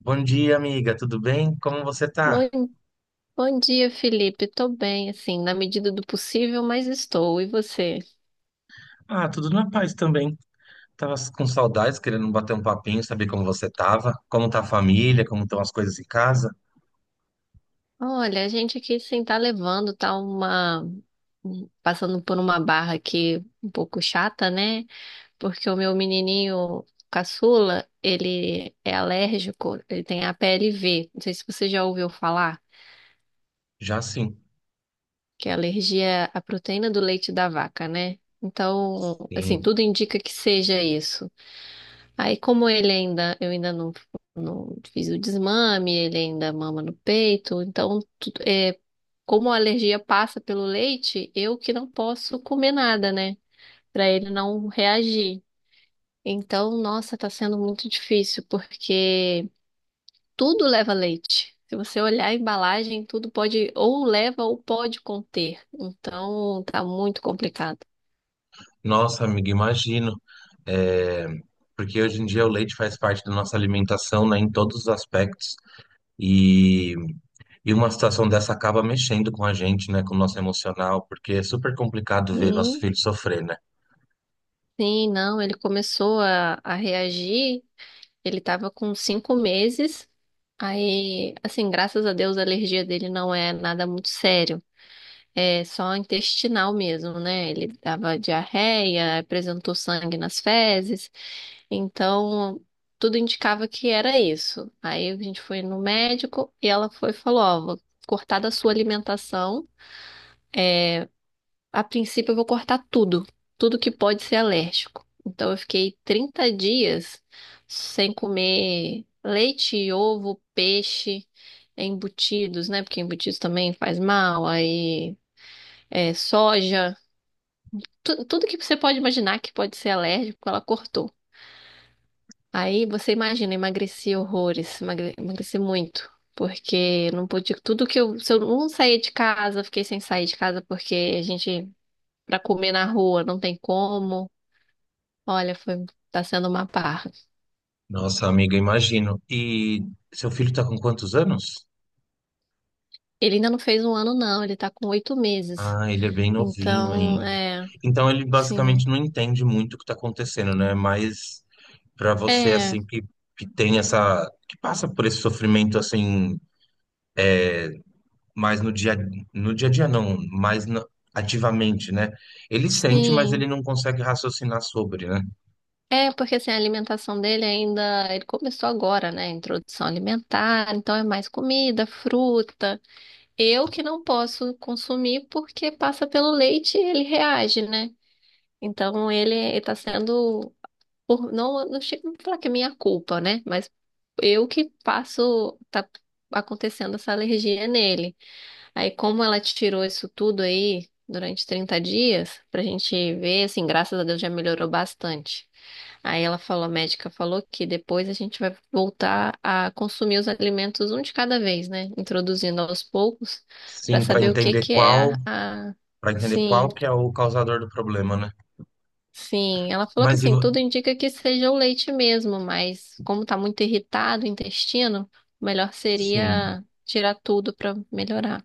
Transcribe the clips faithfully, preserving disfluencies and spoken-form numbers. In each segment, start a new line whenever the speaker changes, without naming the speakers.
Bom dia, amiga. Tudo bem? Como você tá?
Bom, bom dia, Felipe. Tô bem, assim, na medida do possível, mas estou. E você?
Ah, tudo na paz também. Tava com saudades, querendo bater um papinho, saber como você tava, como tá a família, como estão as coisas em casa.
Olha, a gente aqui sem tá levando, tá uma. um, passando por uma barra aqui um pouco chata, né? Porque o meu menininho caçula, ele é alérgico, ele tem a P L V. Não sei se você já ouviu falar,
Já sim.
que é alergia à proteína do leite da vaca, né? Então, assim,
Sim.
tudo indica que seja isso. Aí, como ele ainda, eu ainda não, não fiz o desmame, ele ainda mama no peito, então, tu- é, como a alergia passa pelo leite, eu que não posso comer nada, né? Pra ele não reagir. Então, nossa, tá sendo muito difícil, porque tudo leva leite. Se você olhar a embalagem, tudo pode, ou leva ou pode conter. Então, tá muito complicado.
Nossa, amiga, imagino. É, porque hoje em dia o leite faz parte da nossa alimentação, né, em todos os aspectos. E... e uma situação dessa acaba mexendo com a gente, né, com o nosso emocional, porque é super complicado ver nosso
Sim,
filho sofrer, né?
sim, não, ele começou a, a reagir. Ele tava com cinco meses. Aí, assim, graças a Deus, a alergia dele não é nada muito sério. É só intestinal mesmo, né? Ele dava diarreia, apresentou sangue nas fezes. Então, tudo indicava que era isso. Aí a gente foi no médico e ela foi e falou, ó, vou cortar da sua alimentação a princípio, eu vou cortar tudo, tudo que pode ser alérgico. Então, eu fiquei trinta dias sem comer leite, ovo, peixe, embutidos, né? Porque embutidos também faz mal, aí é, soja, tu- tudo que você pode imaginar que pode ser alérgico, ela cortou. Aí você imagina, eu emagreci horrores, emagre- emagreci muito. Porque não podia, tudo que eu, se eu não saía de casa, eu fiquei sem sair de casa porque a gente, pra comer na rua, não tem como. Olha, foi, tá sendo uma parra.
Nossa, amiga, imagino. E seu filho tá com quantos anos?
Ele ainda não fez um ano, não, ele tá com oito meses.
Ah, ele é bem novinho
Então,
ainda.
é,
Então ele
sim.
basicamente não entende muito o que está acontecendo, né? Mas para você
É,
assim que, que tem essa que passa por esse sofrimento assim mais no dia no dia a dia não, mais na- ativamente, né? Ele sente, mas ele
sim.
não consegue raciocinar sobre, né?
É, porque assim, a alimentação dele ainda. Ele começou agora, né? Introdução alimentar, então é mais comida, fruta. Eu que não posso consumir porque passa pelo leite e ele reage, né? Então ele, ele tá sendo por não, não chego a falar que é minha culpa, né? Mas eu que passo, tá acontecendo essa alergia nele. Aí, como ela tirou isso tudo aí durante trinta dias, pra gente ver, assim, graças a Deus já melhorou bastante. Aí ela falou, a médica falou que depois a gente vai voltar a consumir os alimentos um de cada vez, né? Introduzindo aos poucos, pra
Sim, para
saber o que
entender
que é a,
qual
a,
para entender
sim,
qual que é o causador do problema, né?
sim, ela falou que
Mas e
assim,
vo-
tudo indica que seja o leite mesmo, mas como tá muito irritado o intestino, melhor
sim.
seria tirar tudo para melhorar.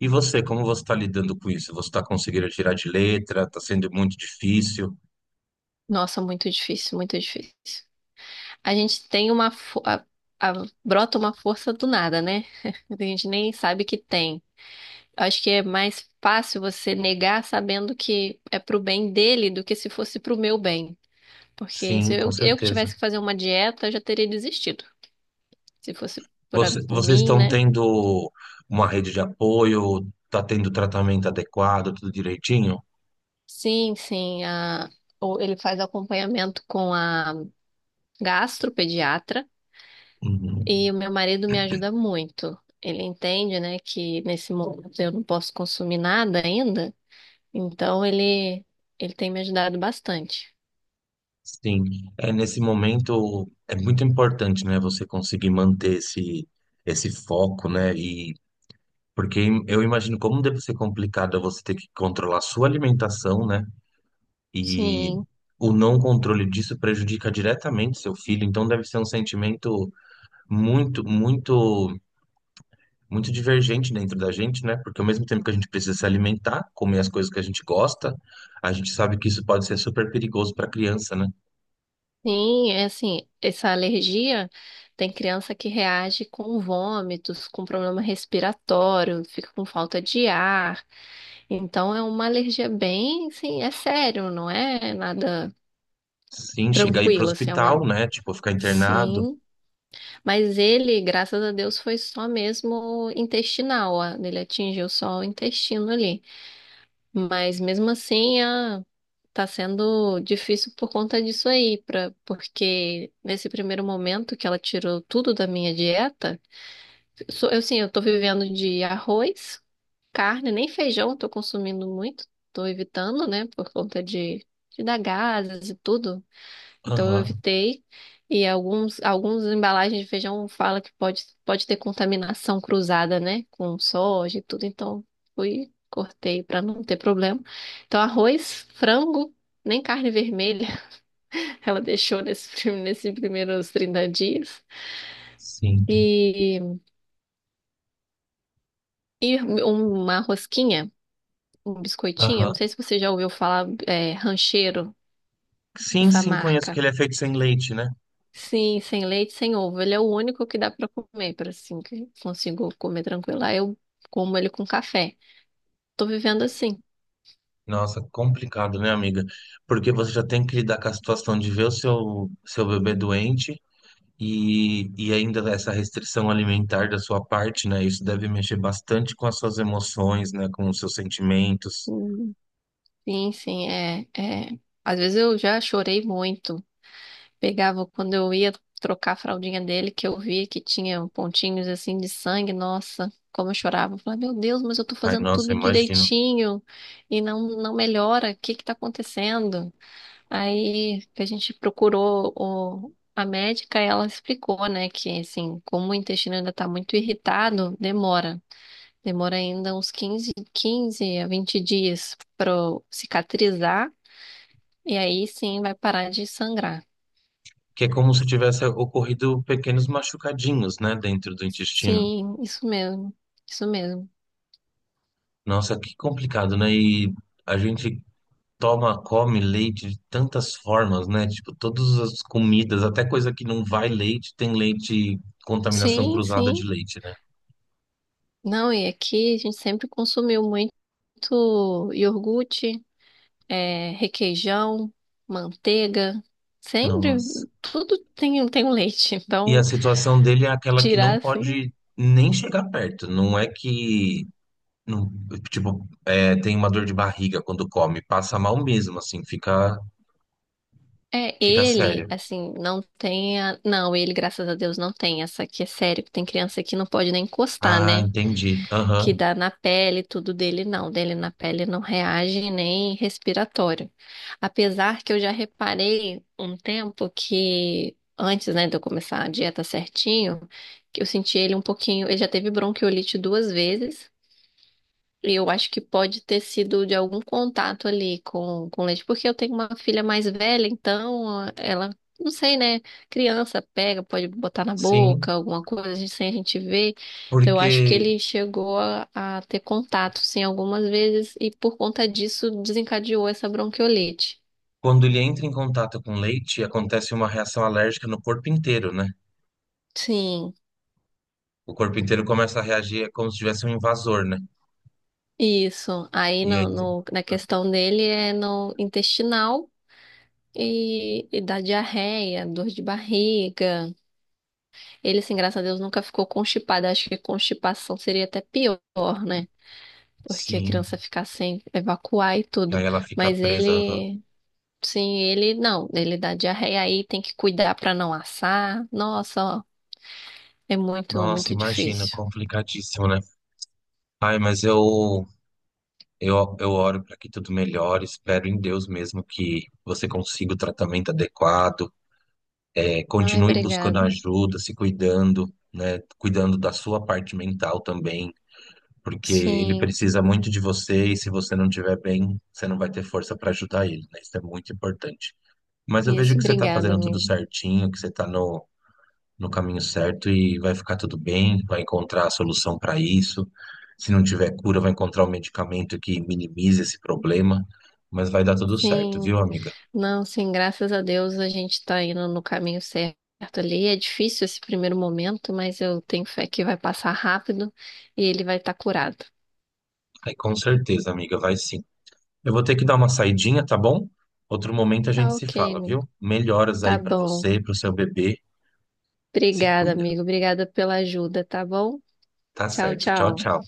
E você, como você está lidando com isso? Você está conseguindo tirar de letra? Está sendo muito difícil?
Nossa, muito difícil, muito difícil. A gente tem uma fo- a- a- brota uma força do nada, né? A gente nem sabe que tem. Acho que é mais fácil você negar sabendo que é pro bem dele do que se fosse pro meu bem. Porque se
Sim,
eu,
com
eu que
certeza.
tivesse que fazer uma dieta, eu já teria desistido. Se fosse por, a-
Você-
por
vocês
mim,
estão
né?
tendo uma rede de apoio, está tendo tratamento adequado, tudo direitinho?
Sim, sim. A, ou ele faz acompanhamento com a gastropediatra
Uhum.
e o meu marido me ajuda muito. Ele entende, né, que nesse momento eu não posso consumir nada ainda, então ele, ele tem me ajudado bastante.
Sim, é nesse momento é muito importante, né, você conseguir manter esse esse foco, né? E porque eu imagino como deve ser complicado é você ter que controlar a sua alimentação, né? E
Sim,
o não controle disso prejudica diretamente seu filho, então deve ser um sentimento muito, muito muito divergente dentro da gente, né? Porque ao mesmo tempo que a gente precisa se alimentar, comer as coisas que a gente gosta, a gente sabe que isso pode ser super perigoso para criança, né?
sim, é assim, essa alergia tem criança que reage com vômitos, com problema respiratório, fica com falta de ar. Então é uma alergia bem, sim, é sério, não é nada
Sim, chegar aí pro
tranquilo, assim, é uma...
hospital, né? Tipo, ficar internado.
Sim, mas ele, graças a Deus, foi só mesmo intestinal, ó. Ele atingiu só o intestino ali. Mas mesmo assim, ah, tá sendo difícil por conta disso aí, pra... porque nesse primeiro momento que ela tirou tudo da minha dieta, so- eu sim, eu tô vivendo de arroz, carne, nem feijão, eu tô consumindo muito, tô evitando, né, por conta de, de dar gases e tudo. Então eu
Aham,
evitei. E alguns, alguns embalagens de feijão fala que pode, pode ter contaminação cruzada, né? Com soja e tudo. Então fui, cortei para não ter problema. Então arroz, frango, nem carne vermelha ela deixou nesse, prim- nesses primeiros trinta dias.
sim.
E, e um, uma rosquinha, um biscoitinho. Não
Aham.
sei se você já ouviu falar, é, Rancheiro,
Sim,
essa
sim, conheço que
marca.
ele é feito sem leite, né?
Sim, sem leite, sem ovo. Ele é o único que dá pra comer, para assim que eu consigo comer tranquilo. Aí eu como ele com café. Tô vivendo assim.
Nossa, complicado, né, amiga? Porque você já tem que lidar com a situação de ver o seu, seu bebê doente. E, e ainda essa restrição alimentar da sua parte, né? Isso deve mexer bastante com as suas emoções, né? Com os seus sentimentos.
Hum. Sim, sim, é, é. Às vezes eu já chorei muito. Pegava quando eu ia trocar a fraldinha dele, que eu via que tinha pontinhos assim de sangue. Nossa, como eu chorava. Eu falava, meu Deus, mas eu tô
Ai,
fazendo
nossa, eu
tudo
imagino.
direitinho e não não melhora. O que que tá acontecendo? Aí que a gente procurou o, a médica, e ela explicou, né, que assim, como o intestino ainda está muito irritado, demora. Demora ainda uns quinze, quinze a vinte dias para cicatrizar e aí sim vai parar de sangrar.
Que é como se tivesse ocorrido pequenos machucadinhos, né? Dentro do intestino.
Sim, isso mesmo. Isso mesmo.
Nossa, que complicado, né? E a gente toma, come leite de tantas formas, né? Tipo, todas as comidas, até coisa que não vai leite, tem leite, contaminação
Sim,
cruzada de
sim.
leite, né?
Não, e aqui a gente sempre consumiu muito iogurte, é, requeijão, manteiga, sempre
Nossa.
tudo tem, tem, um leite.
E a
Então,
situação dele é aquela que não
tirar assim.
pode nem chegar perto. Não é que, não- tipo, é, tem uma dor de barriga quando come, passa mal mesmo, assim, fica,
É,
fica
ele,
sério.
assim, não tem a... Não, ele, graças a Deus, não tem essa que é sério, que tem criança que não pode nem encostar,
Ah,
né?
entendi.
Que
Aham,
dá na pele, tudo dele não. Dele na pele não reage nem respiratório. Apesar que eu já reparei um tempo que, antes, né, de eu começar a dieta certinho, que eu senti ele um pouquinho. Ele já teve bronquiolite duas vezes. Eu acho que pode ter sido de algum contato ali com, com leite, porque eu tenho uma filha mais velha, então ah, ela, não sei, né? Criança pega, pode botar na boca,
sim.
alguma coisa a gente- sem a gente ver. Então eu acho que
Porque
ele chegou a, a ter contato, sim, algumas vezes, e por conta disso desencadeou essa bronquiolite.
quando ele entra em contato com leite, acontece uma reação alérgica no corpo inteiro, né?
Sim,
O corpo inteiro começa a reagir, é como se tivesse um invasor, né?
isso. Aí
E aí,
no,
tem-
no- na questão dele é no intestinal e, e da diarreia, dor de barriga. Ele, assim, graças a Deus, nunca ficou constipado. Acho que constipação seria até pior, né? Porque a
sim.
criança ficar sem evacuar e
E
tudo.
aí ela fica
Mas
presa. Aham.
ele, sim, ele não. Ele dá diarreia aí, tem que cuidar pra não assar. Nossa, ó, é muito,
Nossa,
muito
imagina,
difícil.
complicadíssimo, né? Ai, mas eu Eu, eu oro para que tudo melhore, espero em Deus mesmo que você consiga o tratamento adequado, é,
Ai,
continue buscando
obrigada.
ajuda, se cuidando, né, cuidando da sua parte mental também, porque ele
Sim,
precisa muito de você e se você não estiver bem, você não vai ter força para ajudar ele, né? Isso é muito importante. Mas eu vejo
isso,
que você está
obrigada,
fazendo tudo
amigo.
certinho, que você está no caminho certo e vai ficar tudo bem, vai encontrar a solução para isso. Se não tiver cura, vai encontrar um medicamento que minimize esse problema, mas vai dar tudo certo, viu,
Sim,
amiga?
não, sim, graças a Deus a gente tá indo no caminho certo ali. É difícil esse primeiro momento, mas eu tenho fé que vai passar rápido e ele vai estar curado.
Aí com certeza, amiga, vai sim. Eu vou ter que dar uma saidinha, tá bom? Outro momento a gente
Tá
se
ok,
fala,
amigo.
viu? Melhoras
Tá
aí para
bom.
você, para o seu bebê. Se
Obrigada,
cuida.
amigo. Obrigada pela ajuda, tá bom?
Tá
Tchau,
certo. Tchau,
tchau.
tchau.